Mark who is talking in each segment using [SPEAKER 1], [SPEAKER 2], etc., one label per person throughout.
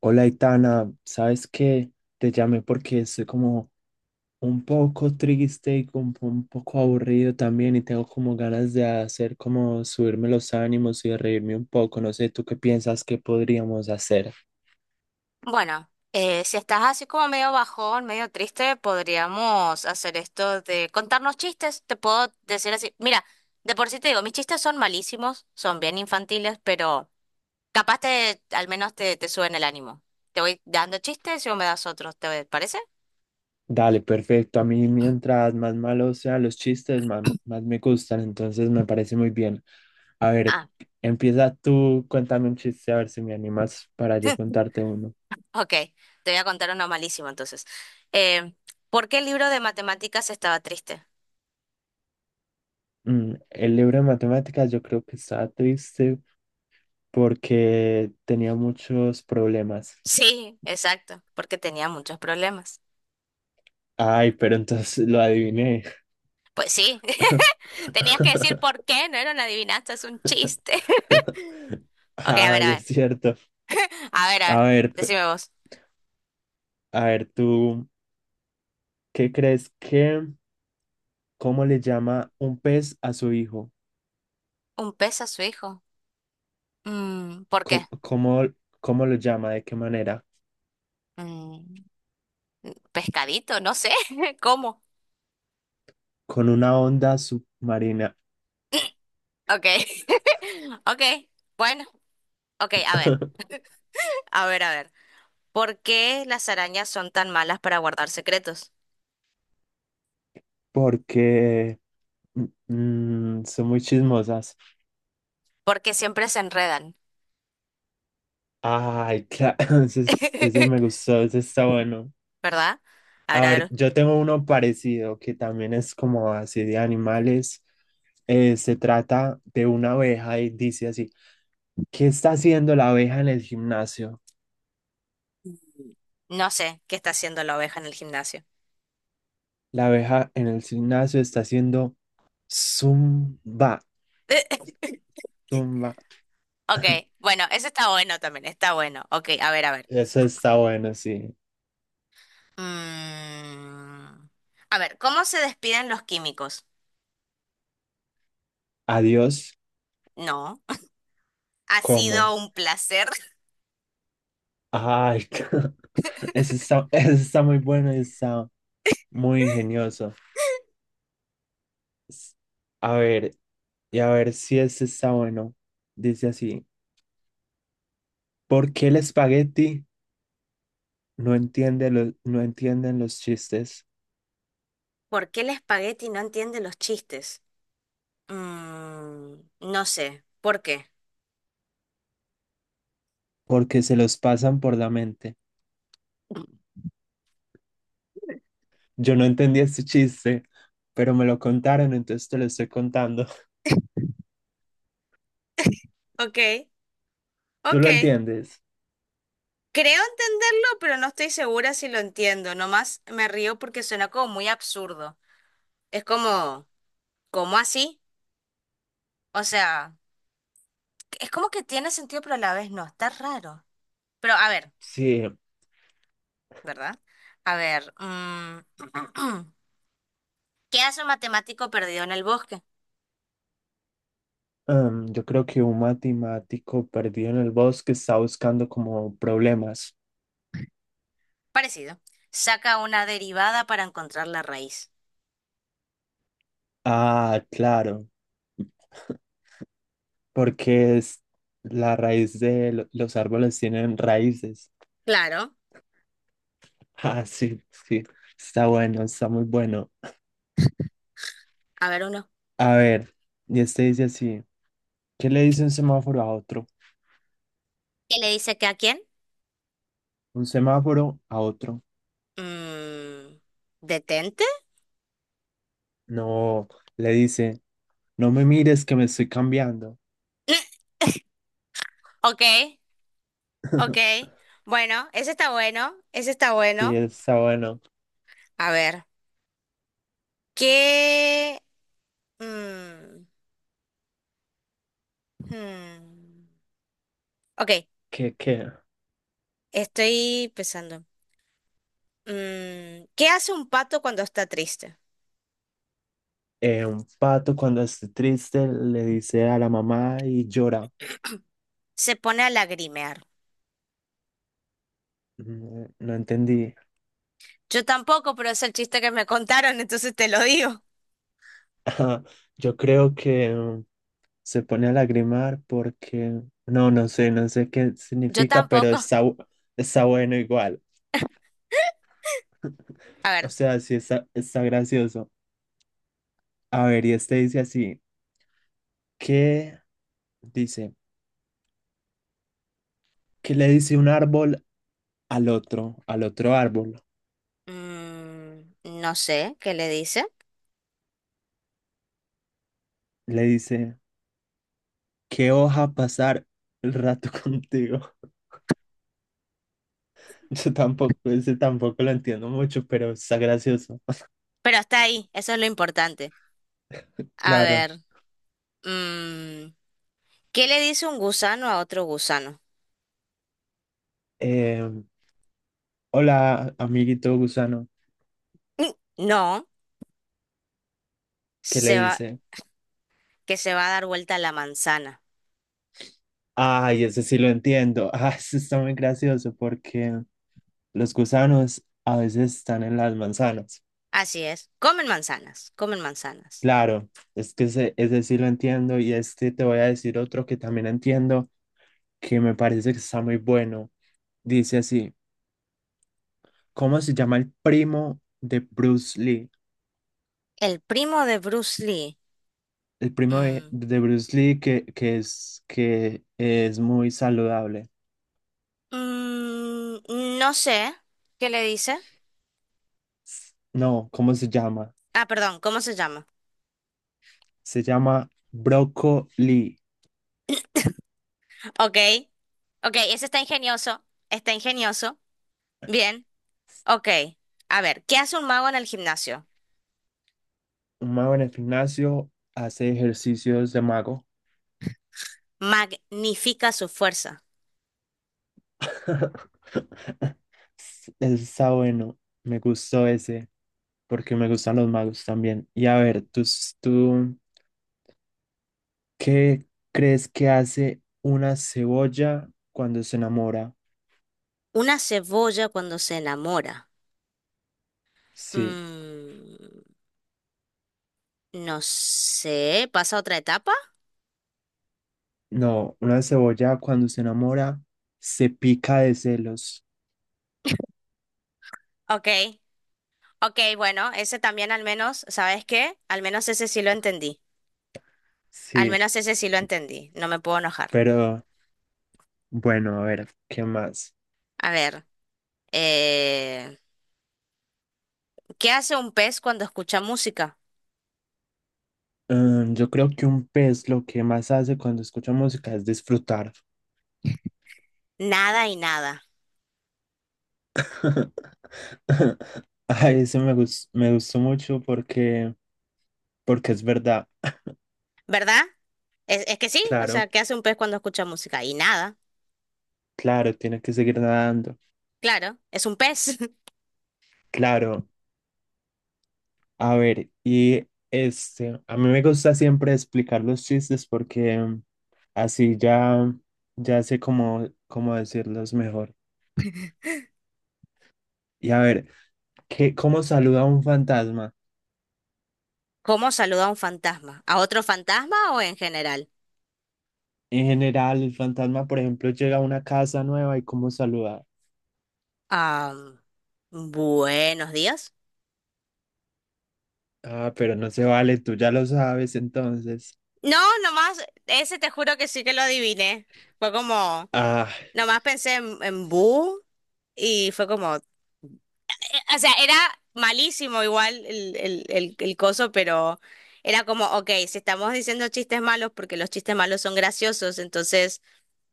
[SPEAKER 1] Hola, Itana, ¿sabes qué? Te llamé porque estoy como un poco triste y como un poco aburrido también y tengo como ganas de hacer como subirme los ánimos y de reírme un poco. No sé, ¿tú qué piensas que podríamos hacer?
[SPEAKER 2] Bueno, si estás así como medio bajón, medio triste, podríamos hacer esto de contarnos chistes. Te puedo decir así, mira, de por sí te digo, mis chistes son malísimos, son bien infantiles, pero al menos te suben el ánimo. Te voy dando chistes y vos me das otros, ¿te parece?
[SPEAKER 1] Dale, perfecto. A mí mientras más malos sean los chistes, más me gustan, entonces me parece muy bien. A ver,
[SPEAKER 2] Ah,
[SPEAKER 1] empieza tú, cuéntame un chiste, a ver si me animas para yo contarte uno.
[SPEAKER 2] ok, te voy a contar uno malísimo entonces. Eh, ¿Por qué el libro de matemáticas estaba triste?
[SPEAKER 1] Mm, el libro de matemáticas yo creo que está triste porque tenía muchos problemas.
[SPEAKER 2] Sí, exacto, porque tenía muchos problemas.
[SPEAKER 1] Ay, pero entonces lo adiviné.
[SPEAKER 2] Pues sí, tenías que decir por qué, no era una adivinanza, es un chiste. Ok, a ver,
[SPEAKER 1] Ay,
[SPEAKER 2] a
[SPEAKER 1] es
[SPEAKER 2] ver,
[SPEAKER 1] cierto.
[SPEAKER 2] a ver, a
[SPEAKER 1] A
[SPEAKER 2] ver,
[SPEAKER 1] ver,
[SPEAKER 2] decime vos.
[SPEAKER 1] a ver, tú, ¿qué crees que, ¿cómo le llama un pez a su hijo?
[SPEAKER 2] ¿Un pez a su hijo? Mm, ¿por qué?
[SPEAKER 1] ¿Cómo, cómo, ¿cómo lo llama? ¿De qué manera?
[SPEAKER 2] Mm, pescadito, no sé, ¿cómo?
[SPEAKER 1] Con una onda submarina.
[SPEAKER 2] Ok, ok, bueno, ok, a ver, a ver, a ver. ¿Por qué las arañas son tan malas para guardar secretos?
[SPEAKER 1] Porque son muy chismosas.
[SPEAKER 2] Porque siempre se enredan,
[SPEAKER 1] Ay, claro, ese me gustó, ese está bueno.
[SPEAKER 2] ¿verdad?
[SPEAKER 1] A
[SPEAKER 2] A
[SPEAKER 1] ver,
[SPEAKER 2] ver,
[SPEAKER 1] yo tengo uno parecido que también es como así de animales. Se trata de una abeja y dice así, ¿qué está haciendo la abeja en el gimnasio?
[SPEAKER 2] no sé, ¿qué está haciendo la oveja en el gimnasio?
[SPEAKER 1] La abeja en el gimnasio está haciendo zumba, zumba.
[SPEAKER 2] Ok, bueno, eso está bueno también, está bueno. Ok, a ver, a ver.
[SPEAKER 1] Eso está bueno, sí.
[SPEAKER 2] Mm, a ver, ¿cómo se despiden los químicos?
[SPEAKER 1] Adiós,
[SPEAKER 2] No. Ha
[SPEAKER 1] ¿cómo?
[SPEAKER 2] sido un placer.
[SPEAKER 1] Ay, eso está muy bueno, y está muy ingenioso. S- A ver, y a ver si este está bueno. Dice así. ¿Por qué el espagueti no entienden los chistes?
[SPEAKER 2] ¿Por qué el espagueti no entiende los chistes? Mm, no sé. ¿Por qué?
[SPEAKER 1] Porque se los pasan por la mente. Yo no entendí este chiste, pero me lo contaron, entonces te lo estoy contando.
[SPEAKER 2] Ok,
[SPEAKER 1] ¿Tú
[SPEAKER 2] ok.
[SPEAKER 1] lo entiendes?
[SPEAKER 2] Creo entenderlo, pero no estoy segura si lo entiendo. Nomás me río porque suena como muy absurdo. Es como, ¿cómo así? O sea, es como que tiene sentido, pero a la vez no. Está raro. Pero a ver.
[SPEAKER 1] Sí.
[SPEAKER 2] ¿Verdad? A ver, ¿qué hace un matemático perdido en el bosque?
[SPEAKER 1] Yo creo que un matemático perdido en el bosque está buscando como problemas.
[SPEAKER 2] Parecido. Saca una derivada para encontrar la raíz.
[SPEAKER 1] Ah, claro, porque es la raíz de lo- los árboles tienen raíces.
[SPEAKER 2] Claro.
[SPEAKER 1] Ah, sí. Está bueno, está muy bueno.
[SPEAKER 2] A ver uno.
[SPEAKER 1] A ver, y este dice así, ¿qué le dice un semáforo a otro?
[SPEAKER 2] ¿Qué le dice que a quién?
[SPEAKER 1] Un semáforo a otro.
[SPEAKER 2] Mm, ¿detente?
[SPEAKER 1] No, le dice, no me mires que me estoy cambiando.
[SPEAKER 2] Ok, ok. Bueno, ese está bueno, ese está
[SPEAKER 1] Sí,
[SPEAKER 2] bueno.
[SPEAKER 1] está bueno.
[SPEAKER 2] A ver, ¿qué? Mm, hmm. Ok,
[SPEAKER 1] ¿Qué?
[SPEAKER 2] estoy pensando. ¿Qué hace un pato cuando está triste?
[SPEAKER 1] Un pato cuando esté triste le dice a la mamá y llora.
[SPEAKER 2] Se pone a lagrimear.
[SPEAKER 1] Mm, no entendí.
[SPEAKER 2] Yo tampoco, pero es el chiste que me contaron, entonces te lo digo.
[SPEAKER 1] Yo creo que se pone a lagrimar porque, no sé, no sé qué
[SPEAKER 2] Yo
[SPEAKER 1] significa, pero
[SPEAKER 2] tampoco.
[SPEAKER 1] está bueno igual.
[SPEAKER 2] A
[SPEAKER 1] O
[SPEAKER 2] ver,
[SPEAKER 1] sea, está gracioso. A ver, y este dice así, ¿qué dice? ¿Qué le dice un árbol al otro árbol?
[SPEAKER 2] mm, no sé qué le dice,
[SPEAKER 1] Le dice, ¿qué hoja pasar el rato contigo? Yo tampoco, ese tampoco lo entiendo mucho, pero está gracioso.
[SPEAKER 2] pero está ahí, eso es lo importante. A
[SPEAKER 1] Claro.
[SPEAKER 2] ver, mm, ¿qué le dice un gusano a otro gusano?
[SPEAKER 1] Eh, hola, amiguito gusano.
[SPEAKER 2] Mm, no,
[SPEAKER 1] ¿Qué le
[SPEAKER 2] se va,
[SPEAKER 1] dice?
[SPEAKER 2] que se va a dar vuelta la manzana.
[SPEAKER 1] Ay, ese sí lo entiendo. Ah, ese está muy gracioso porque los gusanos a veces están en las manzanas.
[SPEAKER 2] Así es, comen manzanas, comen manzanas.
[SPEAKER 1] Claro, es que ese sí lo entiendo y este te voy a decir otro que también entiendo que me parece que está muy bueno. Dice así, ¿cómo se llama el primo de Bruce Lee?
[SPEAKER 2] El primo de Bruce Lee.
[SPEAKER 1] El primo
[SPEAKER 2] mm,
[SPEAKER 1] de Bruce Lee que es muy saludable.
[SPEAKER 2] no sé qué le dice.
[SPEAKER 1] No, ¿cómo se llama?
[SPEAKER 2] Ah, perdón, ¿cómo se llama?
[SPEAKER 1] Se llama Broccoli.
[SPEAKER 2] Ok. Ok, ese está ingenioso. Está ingenioso. Bien. Ok. A ver, ¿qué hace un mago en el gimnasio?
[SPEAKER 1] Un mago en el gimnasio hace ejercicios de mago.
[SPEAKER 2] Magnifica su fuerza.
[SPEAKER 1] Está bueno, me gustó ese, porque me gustan los magos también. Y a ver, tú qué crees que hace una cebolla cuando se enamora?
[SPEAKER 2] Una cebolla cuando se enamora.
[SPEAKER 1] Sí,
[SPEAKER 2] Mm, no sé. ¿Pasa a otra etapa?
[SPEAKER 1] no, una cebolla cuando se enamora se pica de celos.
[SPEAKER 2] Ok. Ok, bueno, ese también al menos, ¿sabes qué? Al menos ese sí lo entendí. Al
[SPEAKER 1] Sí,
[SPEAKER 2] menos ese sí lo entendí. No me puedo enojar.
[SPEAKER 1] pero bueno, a ver, ¿qué más?
[SPEAKER 2] A ver, eh, ¿qué hace un pez cuando escucha música?
[SPEAKER 1] Mm, yo creo que un pez lo que más hace cuando escucha música es disfrutar.
[SPEAKER 2] Nada y nada.
[SPEAKER 1] Ay, me gustó mucho porque es verdad.
[SPEAKER 2] ¿Verdad? Es que sí, o sea,
[SPEAKER 1] Claro,
[SPEAKER 2] ¿qué hace un pez cuando escucha música? Y nada,
[SPEAKER 1] claro, tiene que seguir nadando.
[SPEAKER 2] claro, es un pez.
[SPEAKER 1] Claro, a ver, y este, a mí me gusta siempre explicar los chistes porque así ya, ya sé cómo decirlos mejor. Y a ver, ¿cómo saluda un fantasma?
[SPEAKER 2] ¿Cómo saluda a un fantasma? ¿A otro fantasma o en general?
[SPEAKER 1] En general, el fantasma, por ejemplo, llega a una casa nueva y cómo saluda.
[SPEAKER 2] Ah, buenos días.
[SPEAKER 1] Ah, pero no se vale, tú ya lo sabes entonces.
[SPEAKER 2] No, nomás, ese te juro que sí que lo adiviné. Fue como,
[SPEAKER 1] Ah.
[SPEAKER 2] nomás pensé en bu y fue como, o sea, era malísimo igual el coso, pero era como, ok, si estamos diciendo chistes malos, porque los chistes malos son graciosos, entonces...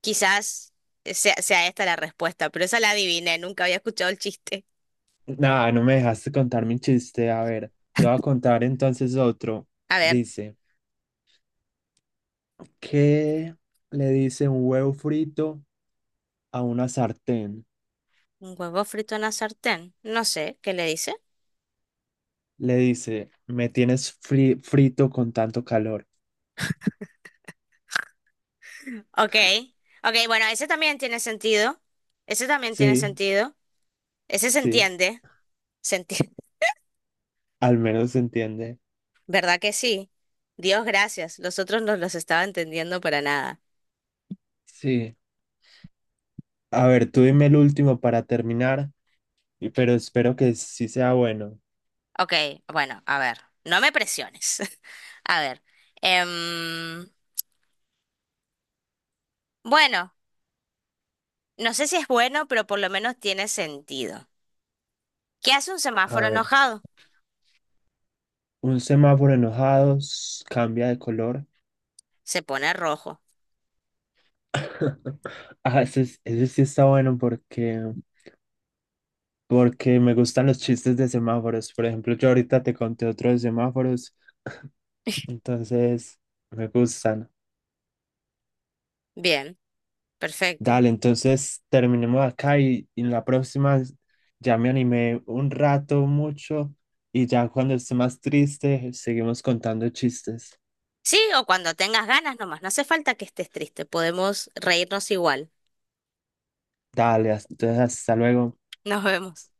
[SPEAKER 2] Quizás sea esta la respuesta, pero esa la adiviné, nunca había escuchado el chiste.
[SPEAKER 1] Nada, no me dejaste contar mi chiste. A ver, te voy a contar entonces otro.
[SPEAKER 2] A ver,
[SPEAKER 1] Dice, ¿qué le dice un huevo frito a una sartén?
[SPEAKER 2] un huevo frito en la sartén. No sé, ¿qué le dice?
[SPEAKER 1] Le dice, frito con tanto calor.
[SPEAKER 2] Ok, ok, bueno, ese también tiene sentido. Ese también tiene
[SPEAKER 1] Sí,
[SPEAKER 2] sentido. Ese
[SPEAKER 1] sí,
[SPEAKER 2] se entiende,
[SPEAKER 1] al menos se entiende.
[SPEAKER 2] ¿verdad que sí? Dios gracias, los otros no los estaba entendiendo para nada.
[SPEAKER 1] Sí. A ver, tú dime el último para terminar, pero espero que sí sea bueno.
[SPEAKER 2] Ok, bueno, a ver, no me presiones. A ver, em, bueno, no sé si es bueno, pero por lo menos tiene sentido. ¿Qué hace un
[SPEAKER 1] A
[SPEAKER 2] semáforo
[SPEAKER 1] ver,
[SPEAKER 2] enojado?
[SPEAKER 1] un semáforo enojado cambia de color.
[SPEAKER 2] Se pone rojo.
[SPEAKER 1] Ah, ese sí está bueno porque... porque me gustan los chistes de semáforos. Por ejemplo, yo ahorita te conté otro de semáforos, entonces me gustan.
[SPEAKER 2] Bien, perfecto.
[SPEAKER 1] Dale, entonces terminemos acá y en la próxima ya me animé un rato, mucho, y ya cuando esté más triste seguimos contando chistes.
[SPEAKER 2] Sí, o cuando tengas ganas nomás. No hace falta que estés triste. Podemos reírnos igual.
[SPEAKER 1] Dale, entonces hasta luego.
[SPEAKER 2] Nos vemos.